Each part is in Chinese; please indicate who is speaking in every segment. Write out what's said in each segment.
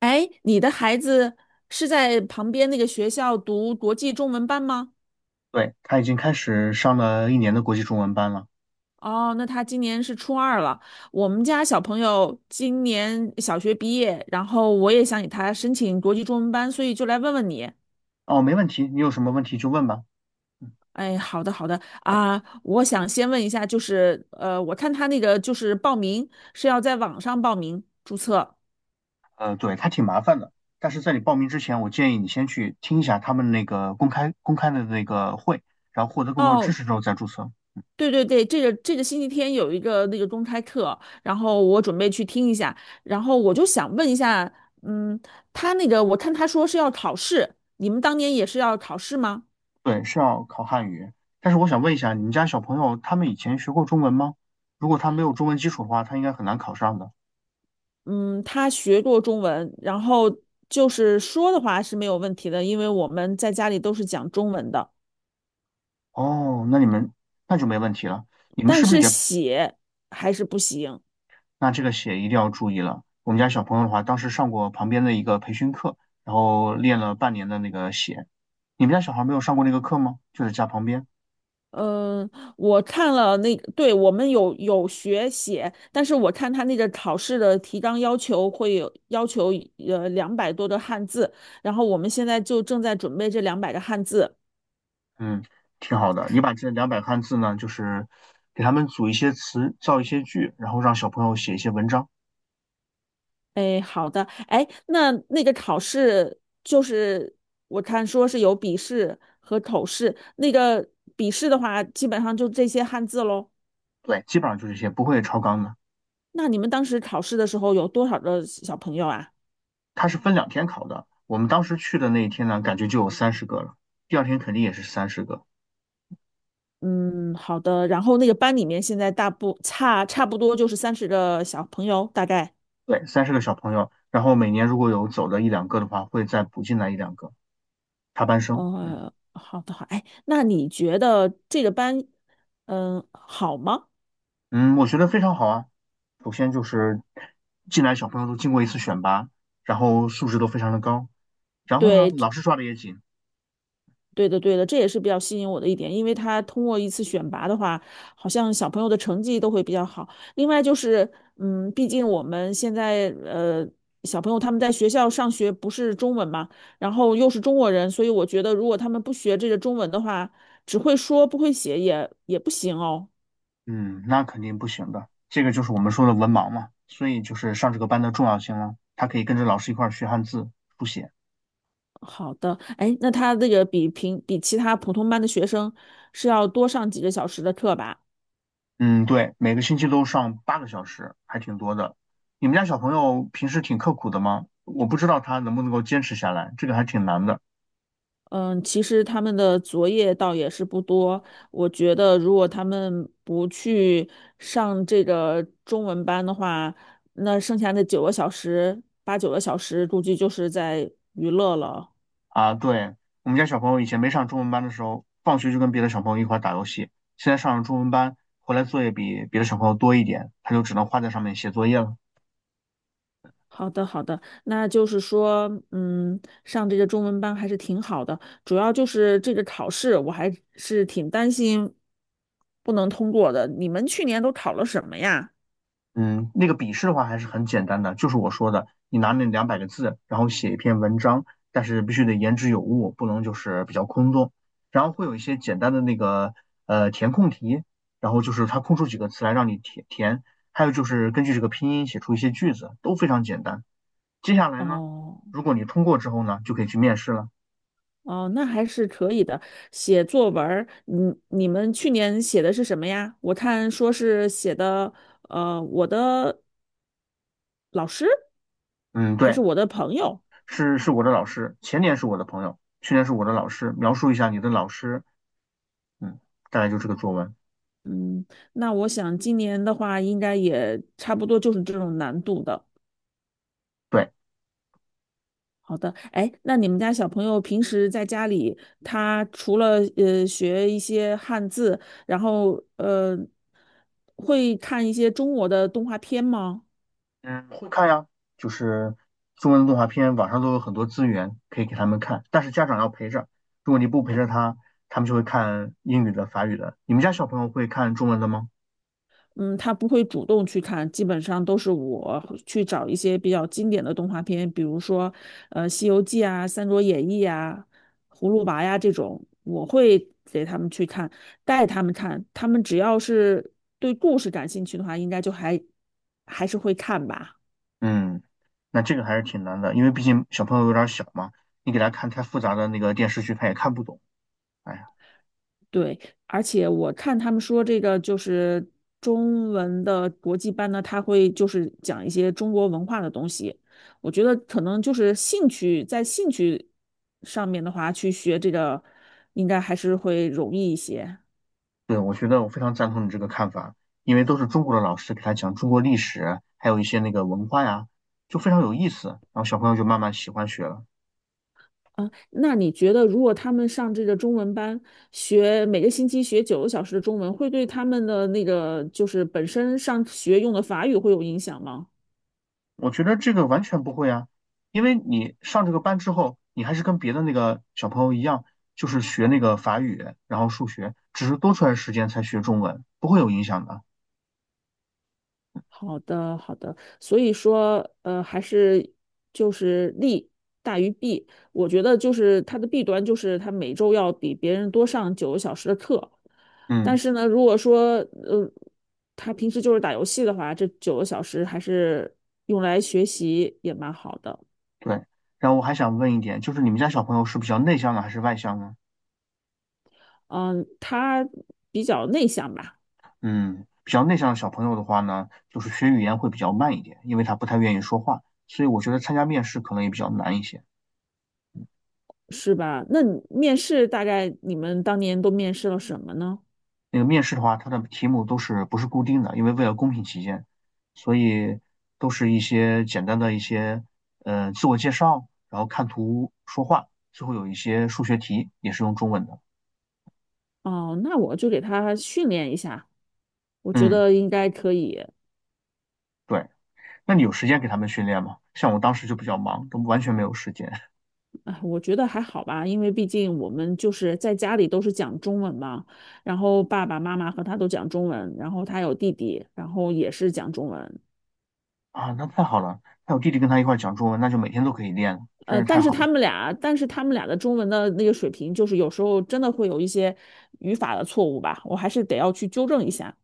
Speaker 1: 哎，你的孩子是在旁边那个学校读国际中文班吗？
Speaker 2: 对，他已经开始上了一年的国际中文班了。
Speaker 1: 哦，那他今年是初二了。我们家小朋友今年小学毕业，然后我也想给他申请国际中文班，所以就来问问你。
Speaker 2: 哦，没问题，你有什么问题就问吧。嗯
Speaker 1: 哎，好的，好的啊，我想先问一下，就是我看他那个就是报名是要在网上报名注册。
Speaker 2: 呃，对，他挺麻烦的，但是在你报名之前，我建议你先去听一下他们那个公开的那个会，然后获得更多知
Speaker 1: 哦，
Speaker 2: 识之后再注册。
Speaker 1: 对对对，这个星期天有一个那个公开课，然后我准备去听一下，然后我就想问一下，嗯，他那个我看他说是要考试，你们当年也是要考试吗？
Speaker 2: 对，是要考汉语。但是我想问一下，你们家小朋友他们以前学过中文吗？如果他没有中文基础的话，他应该很难考上的。
Speaker 1: 嗯，他学过中文，然后就是说的话是没有问题的，因为我们在家里都是讲中文的，
Speaker 2: 哦，那你们那就没问题了。你们
Speaker 1: 但
Speaker 2: 是不是
Speaker 1: 是
Speaker 2: 也。
Speaker 1: 写还是不行。
Speaker 2: 那这个写一定要注意了。我们家小朋友的话，当时上过旁边的一个培训课，然后练了半年的那个写。你们家小孩没有上过那个课吗？就在家旁边。
Speaker 1: 嗯，我看了那个对，我们有学写，但是我看他那个考试的题纲要求要求200多的汉字，然后我们现在就正在准备这200个汉字。
Speaker 2: 嗯，挺好的。你把这两百汉字呢，就是给他们组一些词，造一些句，然后让小朋友写一些文章。
Speaker 1: 哎，好的，哎，那那个考试就是我看说是有笔试和口试，那个笔试的话基本上就这些汉字喽。
Speaker 2: 对，基本上就这些，不会超纲的。
Speaker 1: 那你们当时考试的时候有多少个小朋友啊？
Speaker 2: 它是分2天考的。我们当时去的那一天呢，感觉就有三十个了。第二天肯定也是三十个。
Speaker 1: 嗯，好的。然后那个班里面现在大部差差不多就是30个小朋友，大概。
Speaker 2: 对，三十个小朋友，然后每年如果有走的一两个的话，会再补进来一两个。插班生，嗯
Speaker 1: 哦，好的好。哎，那你觉得这个班，嗯，好吗？
Speaker 2: 嗯，我觉得非常好啊。首先就是进来小朋友都经过一次选拔，然后素质都非常的高，然后呢，
Speaker 1: 对，
Speaker 2: 老师抓的也紧，
Speaker 1: 对的，对的，这也是比较吸引我的一点，因为他通过一次选拔的话，好像小朋友的成绩都会比较好。另外就是，嗯，毕竟我们现在小朋友他们在学校上学不是中文嘛，然后又是中国人，所以我觉得如果他们不学这个中文的话，只会说不会写也不行哦。
Speaker 2: 嗯，那肯定不行的。这个就是我们说的文盲嘛，所以就是上这个班的重要性了。他可以跟着老师一块儿学汉字、书写，
Speaker 1: 好的，哎，那他这个比其他普通班的学生是要多上几个小时的课吧？
Speaker 2: 嗯，对，每个星期都上8个小时，还挺多的。你们家小朋友平时挺刻苦的吗？我不知道他能不能够坚持下来，这个还挺难的。
Speaker 1: 嗯，其实他们的作业倒也是不多。我觉得，如果他们不去上这个中文班的话，那剩下的九个小时，8、9个小时，估计就是在娱乐了。
Speaker 2: 啊，对，我们家小朋友以前没上中文班的时候，放学就跟别的小朋友一块儿打游戏。现在上了中文班，回来作业比别的小朋友多一点，他就只能花在上面写作业了。
Speaker 1: 好的，好的，那就是说，嗯，上这个中文班还是挺好的。主要就是这个考试，我还是挺担心不能通过的。你们去年都考了什么呀？
Speaker 2: 嗯，那个笔试的话还是很简单的，就是我说的，你拿那200个字，然后写一篇文章，但是必须得言之有物，不能就是比较空洞。然后会有一些简单的那个填空题，然后就是它空出几个词来让你填填，还有就是根据这个拼音写出一些句子，都非常简单。接下来呢，
Speaker 1: 哦。
Speaker 2: 如果你通过之后呢，就可以去面试了。
Speaker 1: 哦，那还是可以的。写作文儿，你们去年写的是什么呀？我看说是写的，呃，我的老师
Speaker 2: 嗯，
Speaker 1: 还
Speaker 2: 对，
Speaker 1: 是我的朋友。
Speaker 2: 是我的老师，前年是我的朋友，去年是我的老师，描述一下你的老师，嗯，大概就这个作文。
Speaker 1: 嗯，那我想今年的话，应该也差不多就是这种难度的。
Speaker 2: 对，
Speaker 1: 好的，哎，那你们家小朋友平时在家里，他除了学一些汉字，然后会看一些中国的动画片吗？
Speaker 2: 嗯，会看呀，就是中文的动画片，网上都有很多资源可以给他们看，但是家长要陪着，如果你不陪着他，他们就会看英语的、法语的。你们家小朋友会看中文的吗？
Speaker 1: 嗯，他不会主动去看，基本上都是我去找一些比较经典的动画片，比如说《西游记》啊、《三国演义》啊、《葫芦娃》呀这种，我会给他们去看，带他们看，他们只要是对故事感兴趣的话，应该就还是会看吧。
Speaker 2: 嗯，那这个还是挺难的，因为毕竟小朋友有点小嘛，你给他看太复杂的那个电视剧，他也看不懂。哎。
Speaker 1: 对，而且我看他们说这个就是中文的国际班呢，他会就是讲一些中国文化的东西。我觉得可能就是兴趣，在兴趣上面的话，去学这个应该还是会容易一些
Speaker 2: 对，我觉得我非常赞同你这个看法，因为都是中国的老师给他讲中国历史，还有一些那个文化呀，就非常有意思，然后小朋友就慢慢喜欢学了。
Speaker 1: 啊。那你觉得，如果他们上这个中文班，每个星期学九个小时的中文，会对他们的那个就是本身上学用的法语会有影响吗？
Speaker 2: 我觉得这个完全不会啊，因为你上这个班之后，你还是跟别的那个小朋友一样，就是学那个法语，然后数学，只是多出来的时间才学中文，不会有影响的。
Speaker 1: 好的，好的。所以说，还是就是大于弊。我觉得就是它的弊端就是它每周要比别人多上九个小时的课，但
Speaker 2: 嗯，
Speaker 1: 是呢，如果说呃，他平时就是打游戏的话，这九个小时还是用来学习也蛮好的。
Speaker 2: 对。然后我还想问一点，就是你们家小朋友是比较内向呢，还是外向呢？
Speaker 1: 嗯，他比较内向吧，
Speaker 2: 嗯，比较内向的小朋友的话呢，就是学语言会比较慢一点，因为他不太愿意说话，所以我觉得参加面试可能也比较难一些。
Speaker 1: 是吧？那你面试大概你们当年都面试了什么呢？
Speaker 2: 那个面试的话，它的题目都是不是固定的，因为为了公平起见，所以都是一些简单的一些自我介绍，然后看图说话，最后有一些数学题也是用中文的。
Speaker 1: 哦，那我就给他训练一下。我觉
Speaker 2: 嗯，
Speaker 1: 得应该可以，
Speaker 2: 对。那你有时间给他们训练吗？像我当时就比较忙，都完全没有时间
Speaker 1: 哎，我觉得还好吧，因为毕竟我们就是在家里都是讲中文嘛，然后爸爸妈妈和他都讲中文，然后他有弟弟，然后也是讲中文，
Speaker 2: 啊。那太好了，那我弟弟跟他一块儿讲中文，那就每天都可以练了真是太好了。
Speaker 1: 但是他们俩的中文的那个水平，就是有时候真的会有一些语法的错误吧，我还是得要去纠正一下。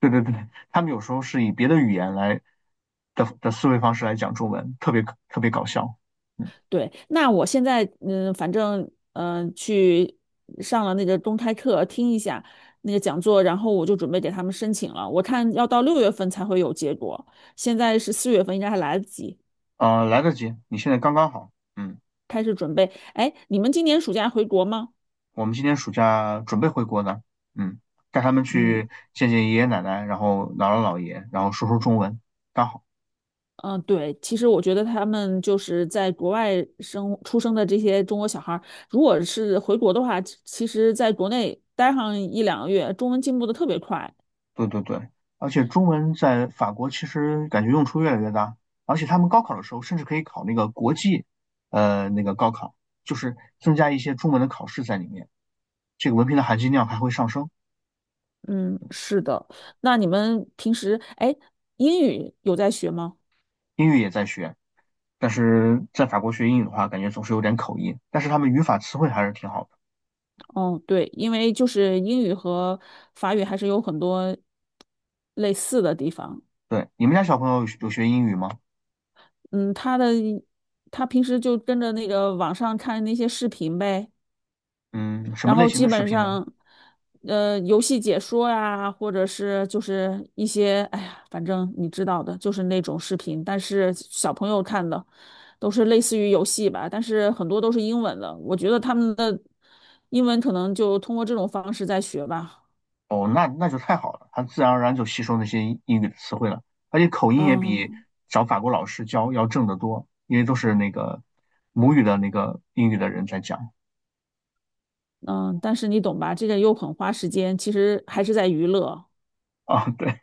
Speaker 2: 对对对，他们有时候是以别的语言来的思维方式来讲中文，特别特别搞笑。嗯，
Speaker 1: 对，那我现在嗯，反正去上了那个公开课，听一下那个讲座，然后我就准备给他们申请了。我看要到6月份才会有结果，现在是4月份，应该还来得及
Speaker 2: 来得及，你现在刚刚好。嗯，
Speaker 1: 开始准备。哎，你们今年暑假回国吗？
Speaker 2: 我们今年暑假准备回国呢。嗯，带他们
Speaker 1: 嗯
Speaker 2: 去见见爷爷奶奶，然后姥姥姥爷，然后说说中文，刚好。
Speaker 1: 对，其实我觉得他们就是在国外出生的这些中国小孩儿，如果是回国的话，其实在国内待上1、2个月，中文进步的特别快。
Speaker 2: 对对对，而且中文在法国其实感觉用处越来越大，而且他们高考的时候甚至可以考那个国际，那个高考，就是增加一些中文的考试在里面，这个文凭的含金量还会上升。
Speaker 1: 嗯，是的。那你们平时，哎，英语有在学吗？
Speaker 2: 英语也在学，但是在法国学英语的话，感觉总是有点口音。但是他们语法词汇还是挺好的。
Speaker 1: 哦，对，因为就是英语和法语还是有很多类似的地方。
Speaker 2: 对，你们家小朋友有学英语吗？
Speaker 1: 嗯，他平时就跟着那个网上看那些视频呗，
Speaker 2: 嗯，什么
Speaker 1: 然
Speaker 2: 类
Speaker 1: 后
Speaker 2: 型
Speaker 1: 基
Speaker 2: 的视
Speaker 1: 本
Speaker 2: 频呢？
Speaker 1: 上，呃，游戏解说呀，或者是就是一些，哎呀，反正你知道的，就是那种视频，但是小朋友看的都是类似于游戏吧，但是很多都是英文的，我觉得他们的英文可能就通过这种方式在学吧，
Speaker 2: 哦，那就太好了，他自然而然就吸收那些英语的词汇了，而且口音也比
Speaker 1: 嗯
Speaker 2: 找法国老师教要正得多，因为都是那个母语的那个英语的人在讲
Speaker 1: 嗯，但是你懂吧，这个又很花时间，其实还是在娱乐。
Speaker 2: 啊。对，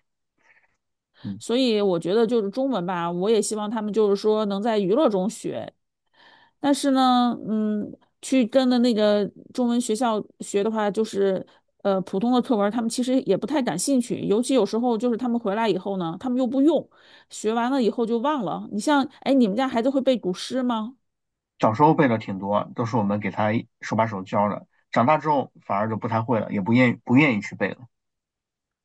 Speaker 2: 嗯，
Speaker 1: 所以我觉得就是中文吧，我也希望他们就是说能在娱乐中学，但是呢，嗯，去跟的那个中文学校学的话，就是普通的课文他们其实也不太感兴趣。尤其有时候就是他们回来以后呢，他们又不用，学完了以后就忘了。你像，哎，你们家孩子会背古诗吗？
Speaker 2: 小时候背的挺多，都是我们给他手把手教的，长大之后反而就不太会了，也不愿意去背了。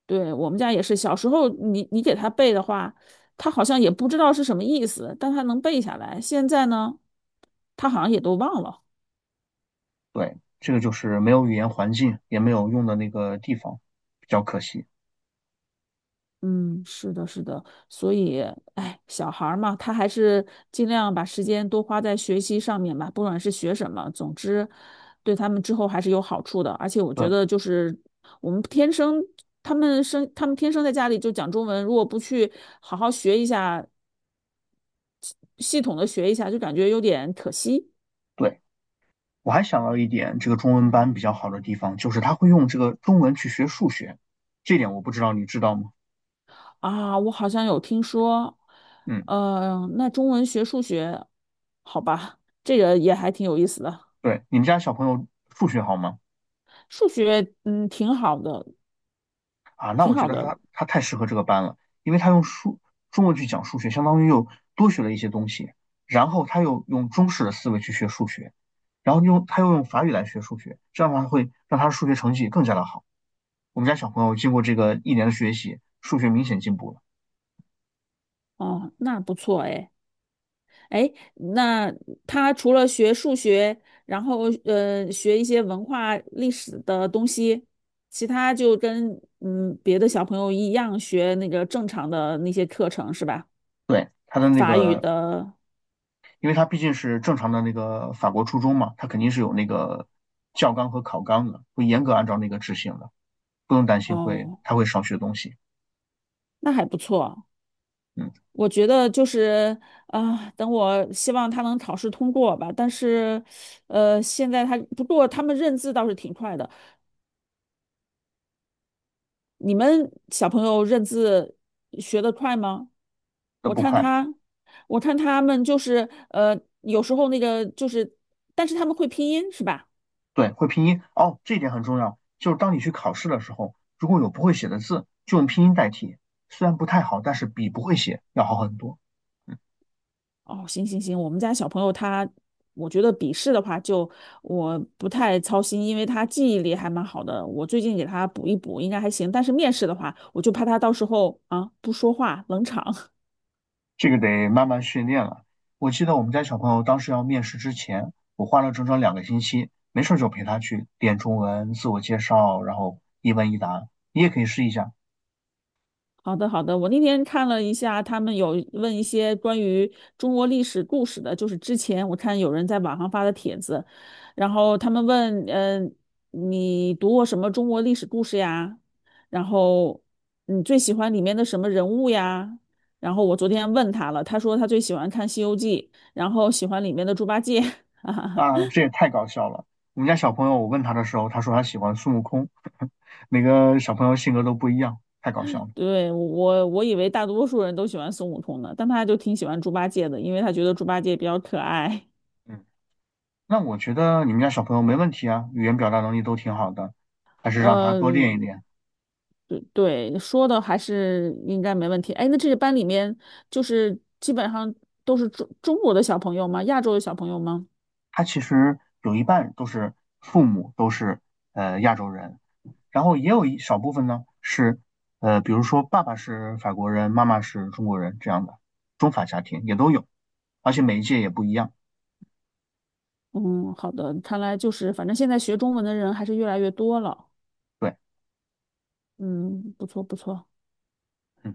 Speaker 1: 对，我们家也是，小时候你给他背的话，他好像也不知道是什么意思，但他能背下来。现在呢，他好像也都忘了。
Speaker 2: 对，这个就是没有语言环境，也没有用的那个地方，比较可惜。
Speaker 1: 嗯，是的，是的，所以，哎，小孩儿嘛，他还是尽量把时间多花在学习上面吧，不管是学什么，总之，对他们之后还是有好处的。而且我觉
Speaker 2: 对
Speaker 1: 得，就是我们天生，他们生，他们天生在家里就讲中文，如果不去好好学一下，系统的学一下，就感觉有点可惜
Speaker 2: 对，我还想到一点，这个中文班比较好的地方就是他会用这个中文去学数学，这点我不知道你知道吗？
Speaker 1: 啊。我好像有听说，
Speaker 2: 嗯，
Speaker 1: 嗯，那中文学数学，好吧，这个也还挺有意思的。
Speaker 2: 对，你们家小朋友数学好吗？
Speaker 1: 数学挺好的，
Speaker 2: 啊，那
Speaker 1: 挺
Speaker 2: 我觉
Speaker 1: 好
Speaker 2: 得
Speaker 1: 的
Speaker 2: 他太适合这个班了，因为他用中文去讲数学，相当于又多学了一些东西，然后他又用中式的思维去学数学，然后他又用法语来学数学，这样的话会让他的数学成绩更加的好。我们家小朋友经过这个一年的学习，数学明显进步了。
Speaker 1: 哦，那不错哎哎，那他除了学数学，然后学一些文化历史的东西，其他就跟别的小朋友一样学那个正常的那些课程是吧？
Speaker 2: 对，他的那
Speaker 1: 法语
Speaker 2: 个，
Speaker 1: 的
Speaker 2: 因为他毕竟是正常的那个法国初中嘛，他肯定是有那个教纲和考纲的，会严格按照那个执行的，不用担心会
Speaker 1: 哦，
Speaker 2: 他会少学东西。
Speaker 1: 那还不错。
Speaker 2: 嗯，
Speaker 1: 我觉得就是我希望他能考试通过吧。但是，现在他他们认字倒是挺快的。你们小朋友认字学得快吗？
Speaker 2: 那
Speaker 1: 我
Speaker 2: 不
Speaker 1: 看
Speaker 2: 快。
Speaker 1: 他，我看他们就是有时候那个就是，但是他们会拼音是吧？
Speaker 2: 对，会拼音哦，这一点很重要。就是当你去考试的时候，如果有不会写的字，就用拼音代替，虽然不太好，但是比不会写要好很多。嗯。
Speaker 1: 哦，行行行，我们家小朋友他，我觉得笔试的话就我不太操心，因为他记忆力还蛮好的，我最近给他补一补，应该还行。但是面试的话，我就怕他到时候啊不说话冷场。
Speaker 2: 这个得慢慢训练了。我记得我们家小朋友当时要面试之前，我花了整整2个星期，没事就陪他去练中文、自我介绍，然后一问一答。你也可以试一下
Speaker 1: 好的，好的。我那天看了一下，他们有问一些关于中国历史故事的，就是之前我看有人在网上发的帖子，然后他们问，你读过什么中国历史故事呀？然后你最喜欢里面的什么人物呀？然后我昨天问他了，他说他最喜欢看《西游记》，然后喜欢里面的猪八戒。哈哈哈，
Speaker 2: 啊，这也太搞笑了。我们家小朋友，我问他的时候，他说他喜欢孙悟空，每个小朋友性格都不一样，太搞笑了。
Speaker 1: 对，我以为大多数人都喜欢孙悟空呢，但他就挺喜欢猪八戒的，因为他觉得猪八戒比较可爱。
Speaker 2: 嗯，那我觉得你们家小朋友没问题啊，语言表达能力都挺好的，还是让他多练一
Speaker 1: 嗯，
Speaker 2: 练。
Speaker 1: 对对，说的还是应该没问题。哎，那这个班里面就是基本上都是中国的小朋友吗？亚洲的小朋友吗？
Speaker 2: 他其实有一半都是父母都是亚洲人。然后也有一少部分呢是，比如说爸爸是法国人，妈妈是中国人这样的中法家庭也都有，而且每一届也不一样。
Speaker 1: 嗯，好的，看来就是反正现在学中文的人还是越来越多了。
Speaker 2: 对，
Speaker 1: 嗯，不错不错。
Speaker 2: 嗯，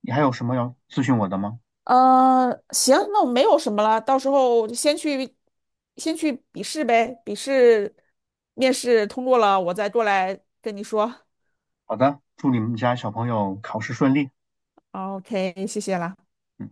Speaker 2: 你还有什么要咨询我的吗？
Speaker 1: 呃，行，那我没有什么了，到时候就先去，先去笔试呗，笔试面试通过了，我再过来跟你说。
Speaker 2: 好的，祝你们家小朋友考试顺利。
Speaker 1: OK，谢谢啦。
Speaker 2: 嗯。